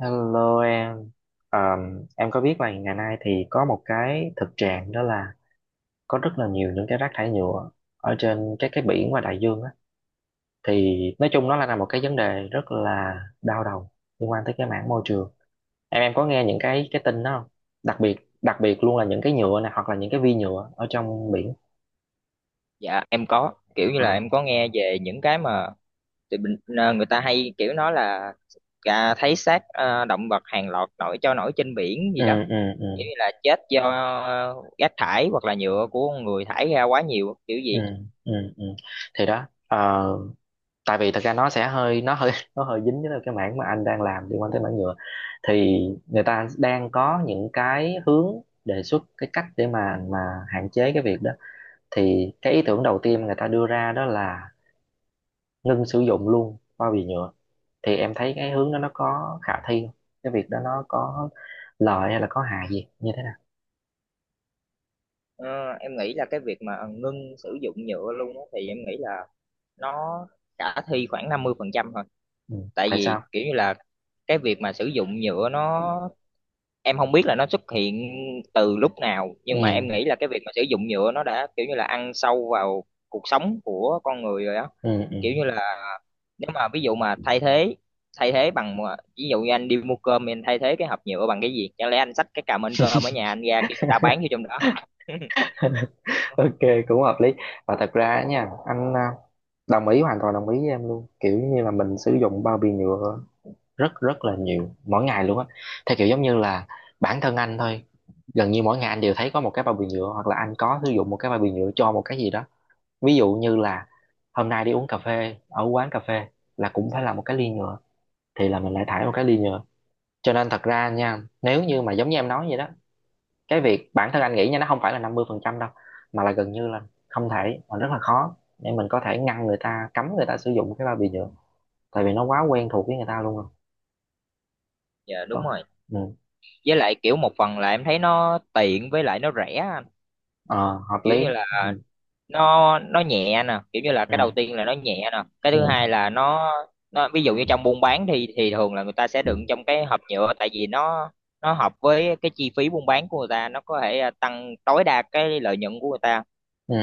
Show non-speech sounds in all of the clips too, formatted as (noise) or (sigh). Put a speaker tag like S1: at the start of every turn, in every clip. S1: Hello em có biết là ngày nay thì có một cái thực trạng đó là có rất là nhiều những cái rác thải nhựa ở trên các cái biển và đại dương á. Thì nói chung nó là một cái vấn đề rất là đau đầu liên quan tới cái mảng môi trường. Em có nghe những cái tin đó không? Đặc biệt đặc biệt luôn là những cái nhựa này hoặc là những cái vi nhựa ở trong biển.
S2: Dạ, em có kiểu như
S1: Ờ.
S2: là em có nghe về những cái mà tụi mình, người ta hay kiểu nói là, thấy xác, động vật hàng loạt nổi cho nổi trên biển gì
S1: Ừ,
S2: đó,
S1: ừ,
S2: kiểu
S1: ừ,
S2: như là chết do rác thải hoặc là nhựa của con người thải ra quá nhiều kiểu
S1: ừ,
S2: gì.
S1: ừ, ừ. Thì đó, tại vì thật ra nó sẽ hơi (laughs) nó hơi dính với cái mảng mà anh đang làm liên quan tới mảng nhựa thì người ta đang có những cái hướng đề xuất cái cách để mà hạn chế cái việc đó thì cái ý tưởng đầu tiên người ta đưa ra đó là ngưng sử dụng luôn bao bì nhựa thì em thấy cái hướng đó nó có khả thi không, cái việc đó nó có lợi hay là có hại gì như thế nào.
S2: Ờ, em nghĩ là cái việc mà ngưng sử dụng nhựa luôn á thì em nghĩ là nó khả thi khoảng 50% thôi.
S1: Ừ.
S2: Tại
S1: Tại
S2: vì
S1: sao?
S2: kiểu như là cái việc mà sử dụng nhựa nó em không biết là nó xuất hiện từ lúc nào,
S1: Ừ,
S2: nhưng mà em nghĩ là cái việc mà sử dụng nhựa nó đã kiểu như là ăn sâu vào cuộc sống của con người rồi á.
S1: ừ, ừ.
S2: Kiểu như là nếu mà ví dụ mà thay thế bằng ví dụ như anh đi mua cơm anh thay thế cái hộp nhựa bằng cái gì, chẳng lẽ anh xách cái cà mên cơm ở nhà anh ra kêu người ta bán vô trong đó. (laughs)
S1: (laughs) Ok, cũng hợp lý. Và thật ra á nha anh à, đồng ý, hoàn toàn đồng ý với em luôn, kiểu như là mình sử dụng bao bì nhựa rất rất là nhiều mỗi ngày luôn á, theo kiểu giống như là bản thân anh thôi, gần như mỗi ngày anh đều thấy có một cái bao bì nhựa hoặc là anh có sử dụng một cái bao bì nhựa cho một cái gì đó. Ví dụ như là hôm nay đi uống cà phê ở quán cà phê là cũng phải là một cái ly nhựa, thì là mình lại thải một cái ly nhựa. Cho nên thật ra nha, nếu như mà giống như em nói vậy đó, cái việc bản thân anh nghĩ nha, nó không phải là 50% đâu, mà là gần như là không thể, mà rất là khó để mình có thể ngăn người ta, cấm người ta sử dụng cái bao bì nhựa, tại vì nó quá quen thuộc với người ta luôn rồi.
S2: Dạ đúng
S1: Đó.
S2: rồi.
S1: Ừ.
S2: Với lại kiểu một phần là em thấy nó tiện với lại nó rẻ anh.
S1: Ờ, hợp
S2: Kiểu
S1: lý.
S2: như là
S1: Ừ.
S2: nó nhẹ nè, kiểu như là
S1: Ừ.
S2: cái đầu tiên là nó nhẹ nè, cái thứ hai
S1: Ừ.
S2: là nó ví dụ như trong buôn bán thì thường là người ta sẽ đựng trong cái hộp nhựa, tại vì nó hợp với cái chi phí buôn bán của người ta, nó có thể tăng tối đa cái lợi nhuận của người ta.
S1: Ừ.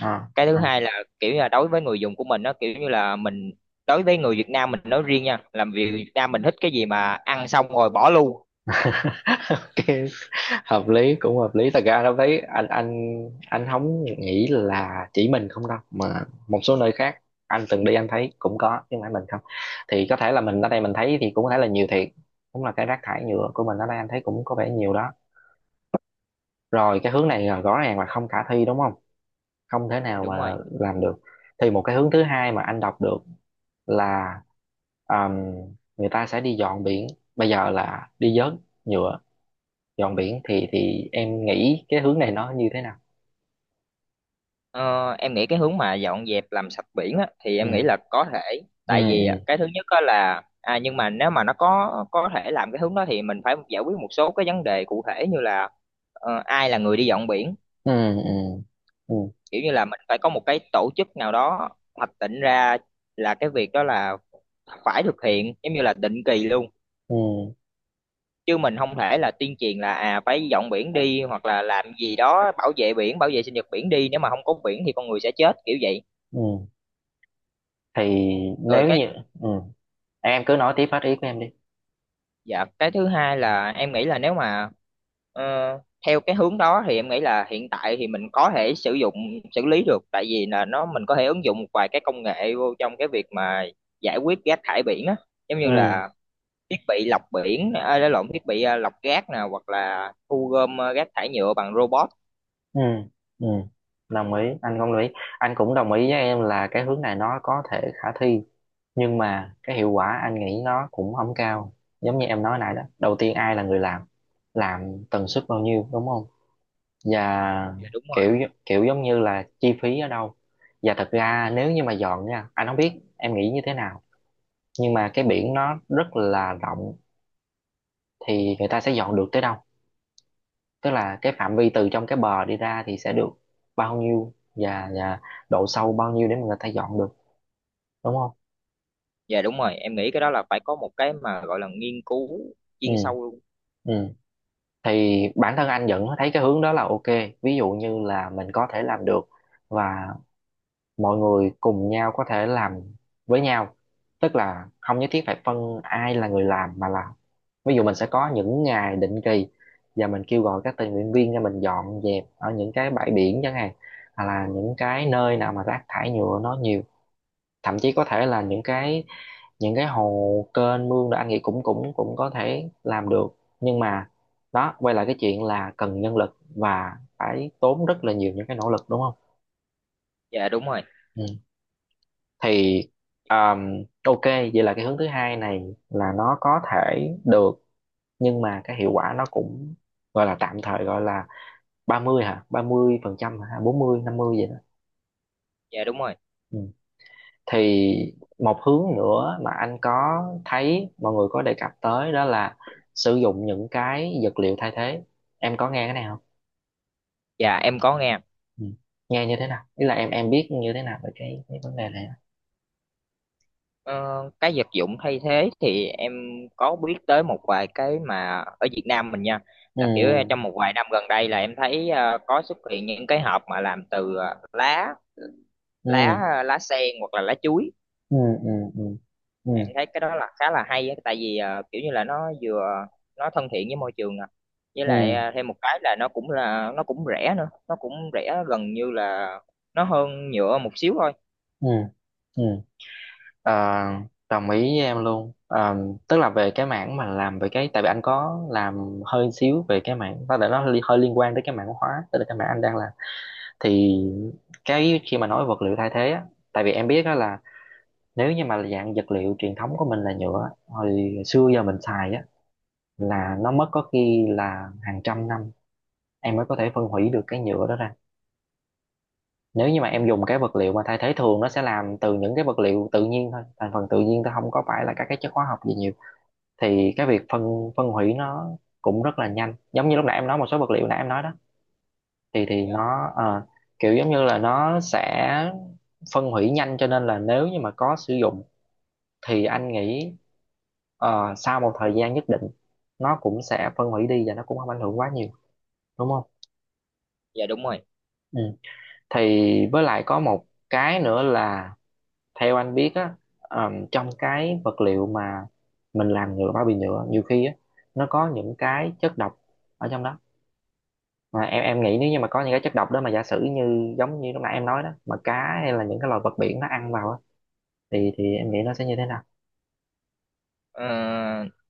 S1: Ờ.
S2: Cái thứ hai là kiểu như là đối với người dùng của mình, nó kiểu như là mình đối với người Việt Nam mình nói riêng nha, làm việc Việt Nam mình thích cái gì mà ăn xong rồi bỏ luôn.
S1: Ok, hợp lý, cũng hợp lý. Thật ra lúc thấy anh không nghĩ là chỉ mình không đâu, mà một số nơi khác anh từng đi anh thấy cũng có, chứ không phải mình không. Thì có thể là mình ở đây mình thấy thì cũng có thể là nhiều thiệt, cũng là cái rác thải nhựa của mình ở đây anh thấy cũng có vẻ nhiều đó. Rồi cái hướng này là rõ ràng là không khả thi đúng không, không thể
S2: Dạ
S1: nào mà
S2: đúng rồi.
S1: làm được. Thì một cái hướng thứ hai mà anh đọc được là um, người ta sẽ đi dọn biển, bây giờ là đi vớt nhựa. Dọn biển thì em nghĩ cái hướng này nó như thế nào?
S2: Ờ, em nghĩ cái hướng mà dọn dẹp làm sạch biển á, thì em nghĩ
S1: Ừ.
S2: là có thể.
S1: Ừ,
S2: Tại vì á,
S1: ừ,
S2: cái thứ nhất á là nhưng mà nếu mà nó có thể làm cái hướng đó thì mình phải giải quyết một số cái vấn đề cụ thể, như là ai là người đi dọn biển.
S1: ừ, ừ, ừ,
S2: Kiểu như là mình phải có một cái tổ chức nào đó hoạch định ra là cái việc đó là phải thực hiện giống như là định kỳ luôn,
S1: ừ,
S2: chứ mình không thể là tuyên truyền là à phải dọn biển đi, hoặc là làm gì đó bảo vệ biển bảo vệ sinh vật biển đi, nếu mà không có biển thì con người sẽ chết kiểu vậy.
S1: ừ. Thì
S2: Rồi
S1: nếu
S2: cái
S1: như, ừ, em cứ nói tiếp hết ý của em đi.
S2: Dạ, cái thứ hai là em nghĩ là nếu mà ờ, theo cái hướng đó thì em nghĩ là hiện tại thì mình có thể sử dụng xử lý được, tại vì là nó mình có thể ứng dụng một vài cái công nghệ vô trong cái việc mà giải quyết rác thải biển á, giống như
S1: Ừ,
S2: là thiết bị lọc biển, à, lộn, thiết bị à, lọc rác nè, hoặc là thu gom rác thải nhựa bằng robot.
S1: ừ, ừ. Đồng ý, anh cũng đồng ý. Anh cũng đồng ý với em là cái hướng này nó có thể khả thi, nhưng mà cái hiệu quả anh nghĩ nó cũng không cao. Giống như em nói nãy đó, đầu tiên ai là người làm tần suất bao nhiêu đúng không, và
S2: Dạ đúng rồi.
S1: kiểu kiểu giống như là chi phí ở đâu. Và thật ra nếu như mà dọn nha, anh không biết em nghĩ như thế nào, nhưng mà cái biển nó rất là rộng, thì người ta sẽ dọn được tới đâu? Tức là cái phạm vi từ trong cái bờ đi ra thì sẽ được bao nhiêu, và độ sâu bao nhiêu để mà người ta dọn được, đúng không?
S2: Dạ đúng rồi, em nghĩ cái đó là phải có một cái mà gọi là nghiên cứu
S1: Ừ,
S2: chuyên sâu luôn.
S1: ừ. Thì bản thân anh vẫn thấy cái hướng đó là ok, ví dụ như là mình có thể làm được, và mọi người cùng nhau có thể làm với nhau, tức là không nhất thiết phải phân ai là người làm, mà là ví dụ mình sẽ có những ngày định kỳ và mình kêu gọi các tình nguyện viên ra mình dọn dẹp ở những cái bãi biển chẳng hạn, hoặc là những cái nơi nào mà rác thải nhựa nó nhiều, thậm chí có thể là những cái hồ, kênh mương là anh nghĩ cũng cũng cũng có thể làm được. Nhưng mà đó, quay lại cái chuyện là cần nhân lực và phải tốn rất là nhiều những cái nỗ lực, đúng không?
S2: Dạ đúng rồi.
S1: Ừ. Thì ok, vậy là cái hướng thứ hai này là nó có thể được, nhưng mà cái hiệu quả nó cũng gọi là tạm thời, gọi là 30 hả, 30% hả, bốn mươi, năm mươi vậy đó.
S2: Dạ đúng rồi.
S1: Ừ. Thì một hướng nữa mà anh có thấy mọi người có đề cập tới đó là sử dụng những cái vật liệu thay thế, em có nghe cái này không?
S2: Dạ em có nghe.
S1: Ừ. Nghe như thế nào, ý là em biết như thế nào về cái vấn đề này á?
S2: Ờ, cái vật dụng thay thế thì em có biết tới một vài cái mà ở Việt Nam mình nha, là kiểu trong
S1: Ừ,
S2: một vài năm gần đây là em thấy có xuất hiện những cái hộp mà làm từ lá lá
S1: ừ,
S2: lá sen hoặc là lá chuối.
S1: ừ, ừ, ừ, ừ,
S2: Em thấy cái đó là khá là hay á, tại vì kiểu như là nó vừa nó thân thiện với môi trường nè, với lại
S1: ừ,
S2: thêm một cái là nó cũng rẻ nữa, nó cũng rẻ gần như là nó hơn nhựa một xíu thôi.
S1: ừ, ừ. Ờ, đồng ý với em luôn. Ờ, tức là về cái mảng mà làm về cái, tại vì anh có làm hơi xíu về cái mảng có thể nó hơi liên quan tới cái mảng hóa, tức là cái mảng anh đang làm. Thì cái khi mà nói vật liệu thay thế á, tại vì em biết á là nếu như mà dạng vật liệu truyền thống của mình là nhựa á, hồi xưa giờ mình xài á, là nó mất có khi là hàng trăm năm em mới có thể phân hủy được cái nhựa đó ra. Nếu như mà em dùng cái vật liệu mà thay thế, thường nó sẽ làm từ những cái vật liệu tự nhiên thôi, thành phần tự nhiên thôi, không có phải là các cái chất hóa học gì nhiều, thì cái việc phân phân hủy nó cũng rất là nhanh, giống như lúc nãy em nói một số vật liệu nãy em nói đó, thì
S2: Dạ.
S1: kiểu giống như là nó sẽ phân hủy nhanh, cho nên là nếu như mà có sử dụng thì anh nghĩ, ờ, sau một thời gian nhất định nó cũng sẽ phân hủy đi và nó cũng không ảnh hưởng quá nhiều, đúng không?
S2: Dạ đúng rồi.
S1: Ừ. Thì với lại có một cái nữa là theo anh biết á, trong cái vật liệu mà mình làm nhựa, bao bì nhựa nhiều khi á, nó có những cái chất độc ở trong đó. Mà em nghĩ nếu như mà có những cái chất độc đó, mà giả sử như giống như lúc nãy em nói đó, mà cá hay là những cái loài vật biển nó ăn vào á, thì em nghĩ nó sẽ như thế nào?
S2: Ờ,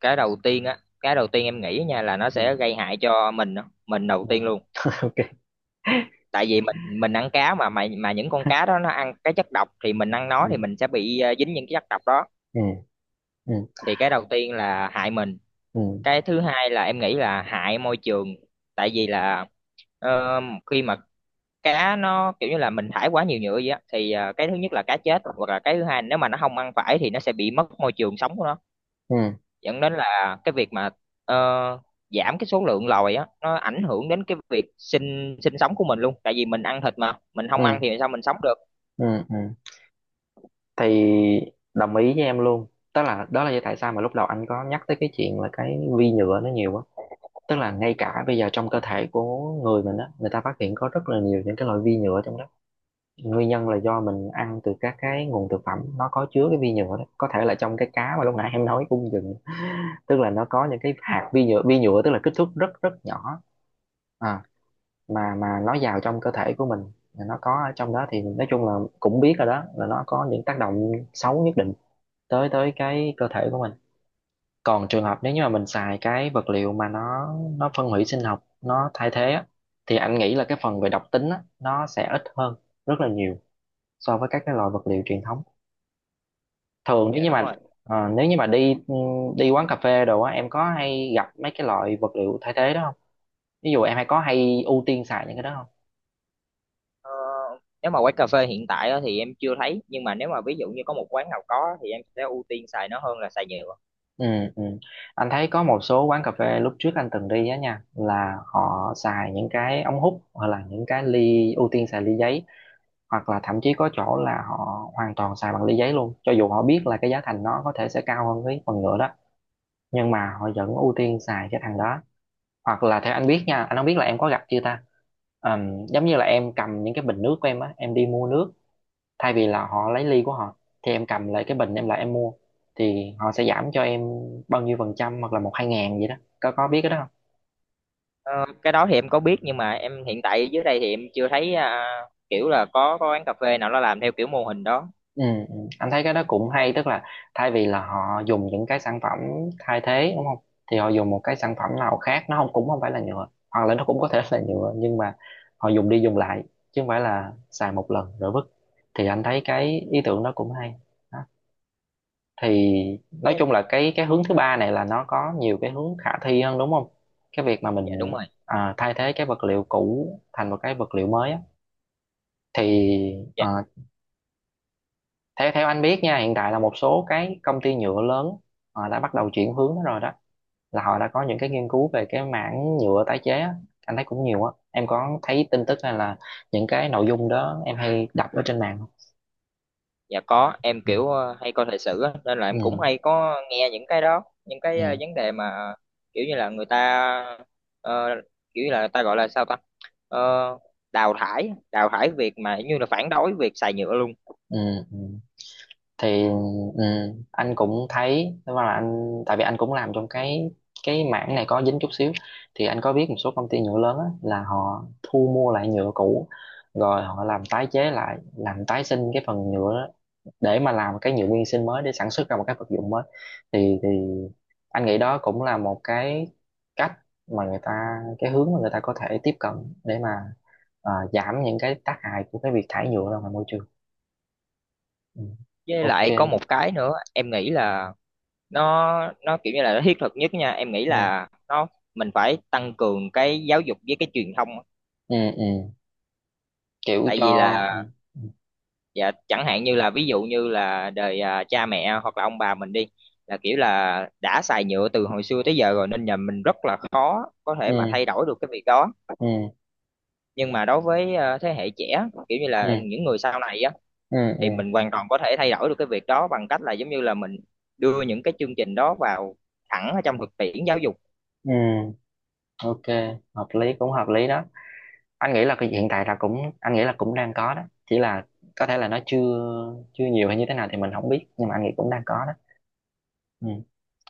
S2: cái đầu tiên á, cái đầu tiên em nghĩ nha là nó
S1: Ừ.
S2: sẽ gây hại cho mình á, mình đầu
S1: Ừ.
S2: tiên luôn.
S1: (laughs) Ok.
S2: Tại vì mình ăn cá mà những con cá đó nó ăn cái chất độc, thì mình ăn
S1: Ừ.
S2: nó thì mình sẽ bị dính những cái chất độc đó.
S1: Ừ. Ừ.
S2: Thì cái đầu tiên là hại mình,
S1: Ừ.
S2: cái thứ hai là em nghĩ là hại môi trường. Tại vì là ờ, khi mà cá nó kiểu như là mình thải quá nhiều nhựa vậy á, thì cái thứ nhất là cá chết, hoặc là cái thứ hai nếu mà nó không ăn phải thì nó sẽ bị mất môi trường sống của nó,
S1: Ừ.
S2: dẫn đến là cái việc mà ờ, giảm cái số lượng lòi á, nó ảnh hưởng đến cái việc sinh sinh sống của mình luôn, tại vì mình ăn thịt mà mình không
S1: Ừ.
S2: ăn thì sao mình sống được.
S1: Ừ. Ừ. Thì đồng ý với em luôn. Tức là đó là lý do tại sao mà lúc đầu anh có nhắc tới cái chuyện là cái vi nhựa nó nhiều quá. Tức là ngay cả bây giờ trong cơ thể của người mình á, người ta phát hiện có rất là nhiều những cái loại vi nhựa trong đó, nguyên nhân là do mình ăn từ các cái nguồn thực phẩm nó có chứa cái vi nhựa đó, có thể là trong cái cá mà lúc nãy em nói cung dừng. Tức là nó có những cái hạt vi nhựa, vi nhựa tức là kích thước rất rất nhỏ, à, mà nó vào trong cơ thể của mình, nó có ở trong đó, thì nói chung là cũng biết rồi đó, là nó có những tác động xấu nhất định tới tới cái cơ thể của mình. Còn trường hợp nếu như mà mình xài cái vật liệu mà nó phân hủy sinh học, nó thay thế á, thì anh nghĩ là cái phần về độc tính á, nó sẽ ít hơn rất là nhiều so với các cái loại vật liệu truyền thống thường.
S2: Dạ
S1: Nếu như
S2: đúng
S1: mà,
S2: rồi.
S1: ờ, nếu như mà đi, đi quán cà phê đồ á, em có hay gặp mấy cái loại vật liệu thay thế đó không? Ví dụ em hay, có hay ưu tiên xài những cái đó không?
S2: Ờ, nếu mà quán cà phê hiện tại á, thì em chưa thấy, nhưng mà nếu mà ví dụ như có một quán nào có thì em sẽ ưu tiên xài nó hơn là xài nhựa.
S1: Ừ, ừ. Anh thấy có một số quán cà phê lúc trước anh từng đi á nha, là họ xài những cái ống hút hoặc là những cái ly, ưu tiên xài ly giấy, hoặc là thậm chí có chỗ là họ hoàn toàn xài bằng ly giấy luôn, cho dù họ biết là cái giá thành nó có thể sẽ cao hơn cái phần nhựa đó, nhưng mà họ vẫn ưu tiên xài cái thằng đó. Hoặc là theo anh biết nha, anh không biết là em có gặp chưa ta, giống như là em cầm những cái bình nước của em á, em đi mua nước, thay vì là họ lấy ly của họ, thì em cầm lại cái bình em lại em mua, thì họ sẽ giảm cho em bao nhiêu phần trăm hoặc là một hai ngàn gì đó, có biết cái đó?
S2: Ờ, cái đó thì em có biết, nhưng mà em hiện tại dưới đây thì em chưa thấy kiểu là có quán cà phê nào nó làm theo kiểu mô hình đó.
S1: Ừ, ừ. Anh thấy cái đó cũng hay, tức là thay vì là họ dùng những cái sản phẩm thay thế, đúng không, thì họ dùng một cái sản phẩm nào khác, nó không, cũng không phải là nhựa, hoặc là nó cũng có thể (laughs) là nhựa, nhưng mà họ dùng đi dùng lại, chứ không phải là xài một lần rồi vứt, thì anh thấy cái ý tưởng đó cũng hay. Đó. Thì nói
S2: Với-
S1: chung là cái hướng thứ ba này là nó có nhiều cái hướng khả thi hơn, đúng không, cái việc mà
S2: dạ đúng
S1: mình,
S2: rồi.
S1: à, thay thế cái vật liệu cũ thành một cái vật liệu mới á, thì ờ, theo theo anh biết nha, hiện tại là một số cái công ty nhựa lớn họ đã bắt đầu chuyển hướng đó rồi đó, là họ đã có những cái nghiên cứu về cái mảng nhựa tái chế á. Anh thấy cũng nhiều á, em có thấy tin tức hay là những cái nội dung đó em hay đọc ở trên mạng không?
S2: Dạ có, em
S1: Ừ,
S2: kiểu hay coi thời sự á, nên là em cũng
S1: ừ,
S2: hay có nghe những cái đó, những cái
S1: ừ,
S2: vấn đề mà kiểu như là người ta ờ, kiểu như là người ta gọi là sao ta? Ờ, đào thải việc mà như là phản đối việc xài nhựa luôn.
S1: ừ, ừ. Thì ừ, anh cũng thấy, tức là anh, tại vì anh cũng làm trong cái mảng này có dính chút xíu, thì anh có biết một số công ty nhựa lớn á, là họ thu mua lại nhựa cũ rồi họ làm tái chế lại, làm tái sinh cái phần nhựa để mà làm cái nhựa nguyên sinh mới để sản xuất ra một cái vật dụng mới. Thì anh nghĩ đó cũng là một cái cách mà người ta, cái hướng mà người ta có thể tiếp cận để mà, ờ, giảm những cái tác hại của cái việc thải nhựa ra ngoài môi trường. Ừ.
S2: Với
S1: Ok.
S2: lại có một cái nữa, em nghĩ là nó kiểu như là nó thiết thực nhất nha, em nghĩ
S1: Ừ.
S2: là nó mình phải tăng cường cái giáo dục với cái truyền thông á.
S1: Ừ, ừ, kiểu
S2: Tại
S1: cho,
S2: vì
S1: ừ.
S2: là dạ chẳng hạn như là ví dụ như là đời cha mẹ hoặc là ông bà mình đi, là kiểu là đã xài nhựa từ hồi xưa tới giờ rồi, nên nhà mình rất là khó có
S1: Ừ.
S2: thể mà thay đổi được cái việc đó.
S1: Ừ.
S2: Nhưng mà đối với thế hệ trẻ kiểu như
S1: Ừ. Ừ.
S2: là những người sau này á,
S1: Ừ. Ừ.
S2: thì mình hoàn toàn có thể thay đổi được cái việc đó bằng cách là giống như là mình đưa những cái chương trình đó vào thẳng ở trong thực tiễn giáo dục.
S1: Ừ. Ok, hợp lý, cũng hợp lý đó. Anh nghĩ là cái hiện tại là cũng, anh nghĩ là cũng đang có đó, chỉ là có thể là nó chưa, chưa nhiều hay như thế nào thì mình không biết, nhưng mà anh nghĩ cũng đang có đó. Ừ.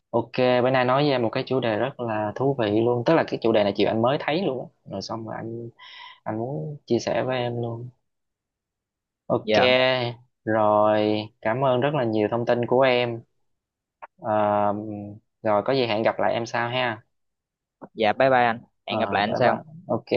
S1: Ok. Bữa nay nói với em một cái chủ đề rất là thú vị luôn, tức là cái chủ đề này chiều anh mới thấy luôn á. Rồi xong rồi anh muốn chia sẻ với em luôn. Ok.
S2: Dạ.
S1: Rồi cảm ơn rất là nhiều thông tin của em. Ờ, rồi có gì hẹn gặp lại em sau ha.
S2: Dạ, bye bye anh.
S1: Ờ,
S2: Hẹn gặp lại anh
S1: bye bye.
S2: sau.
S1: Ok.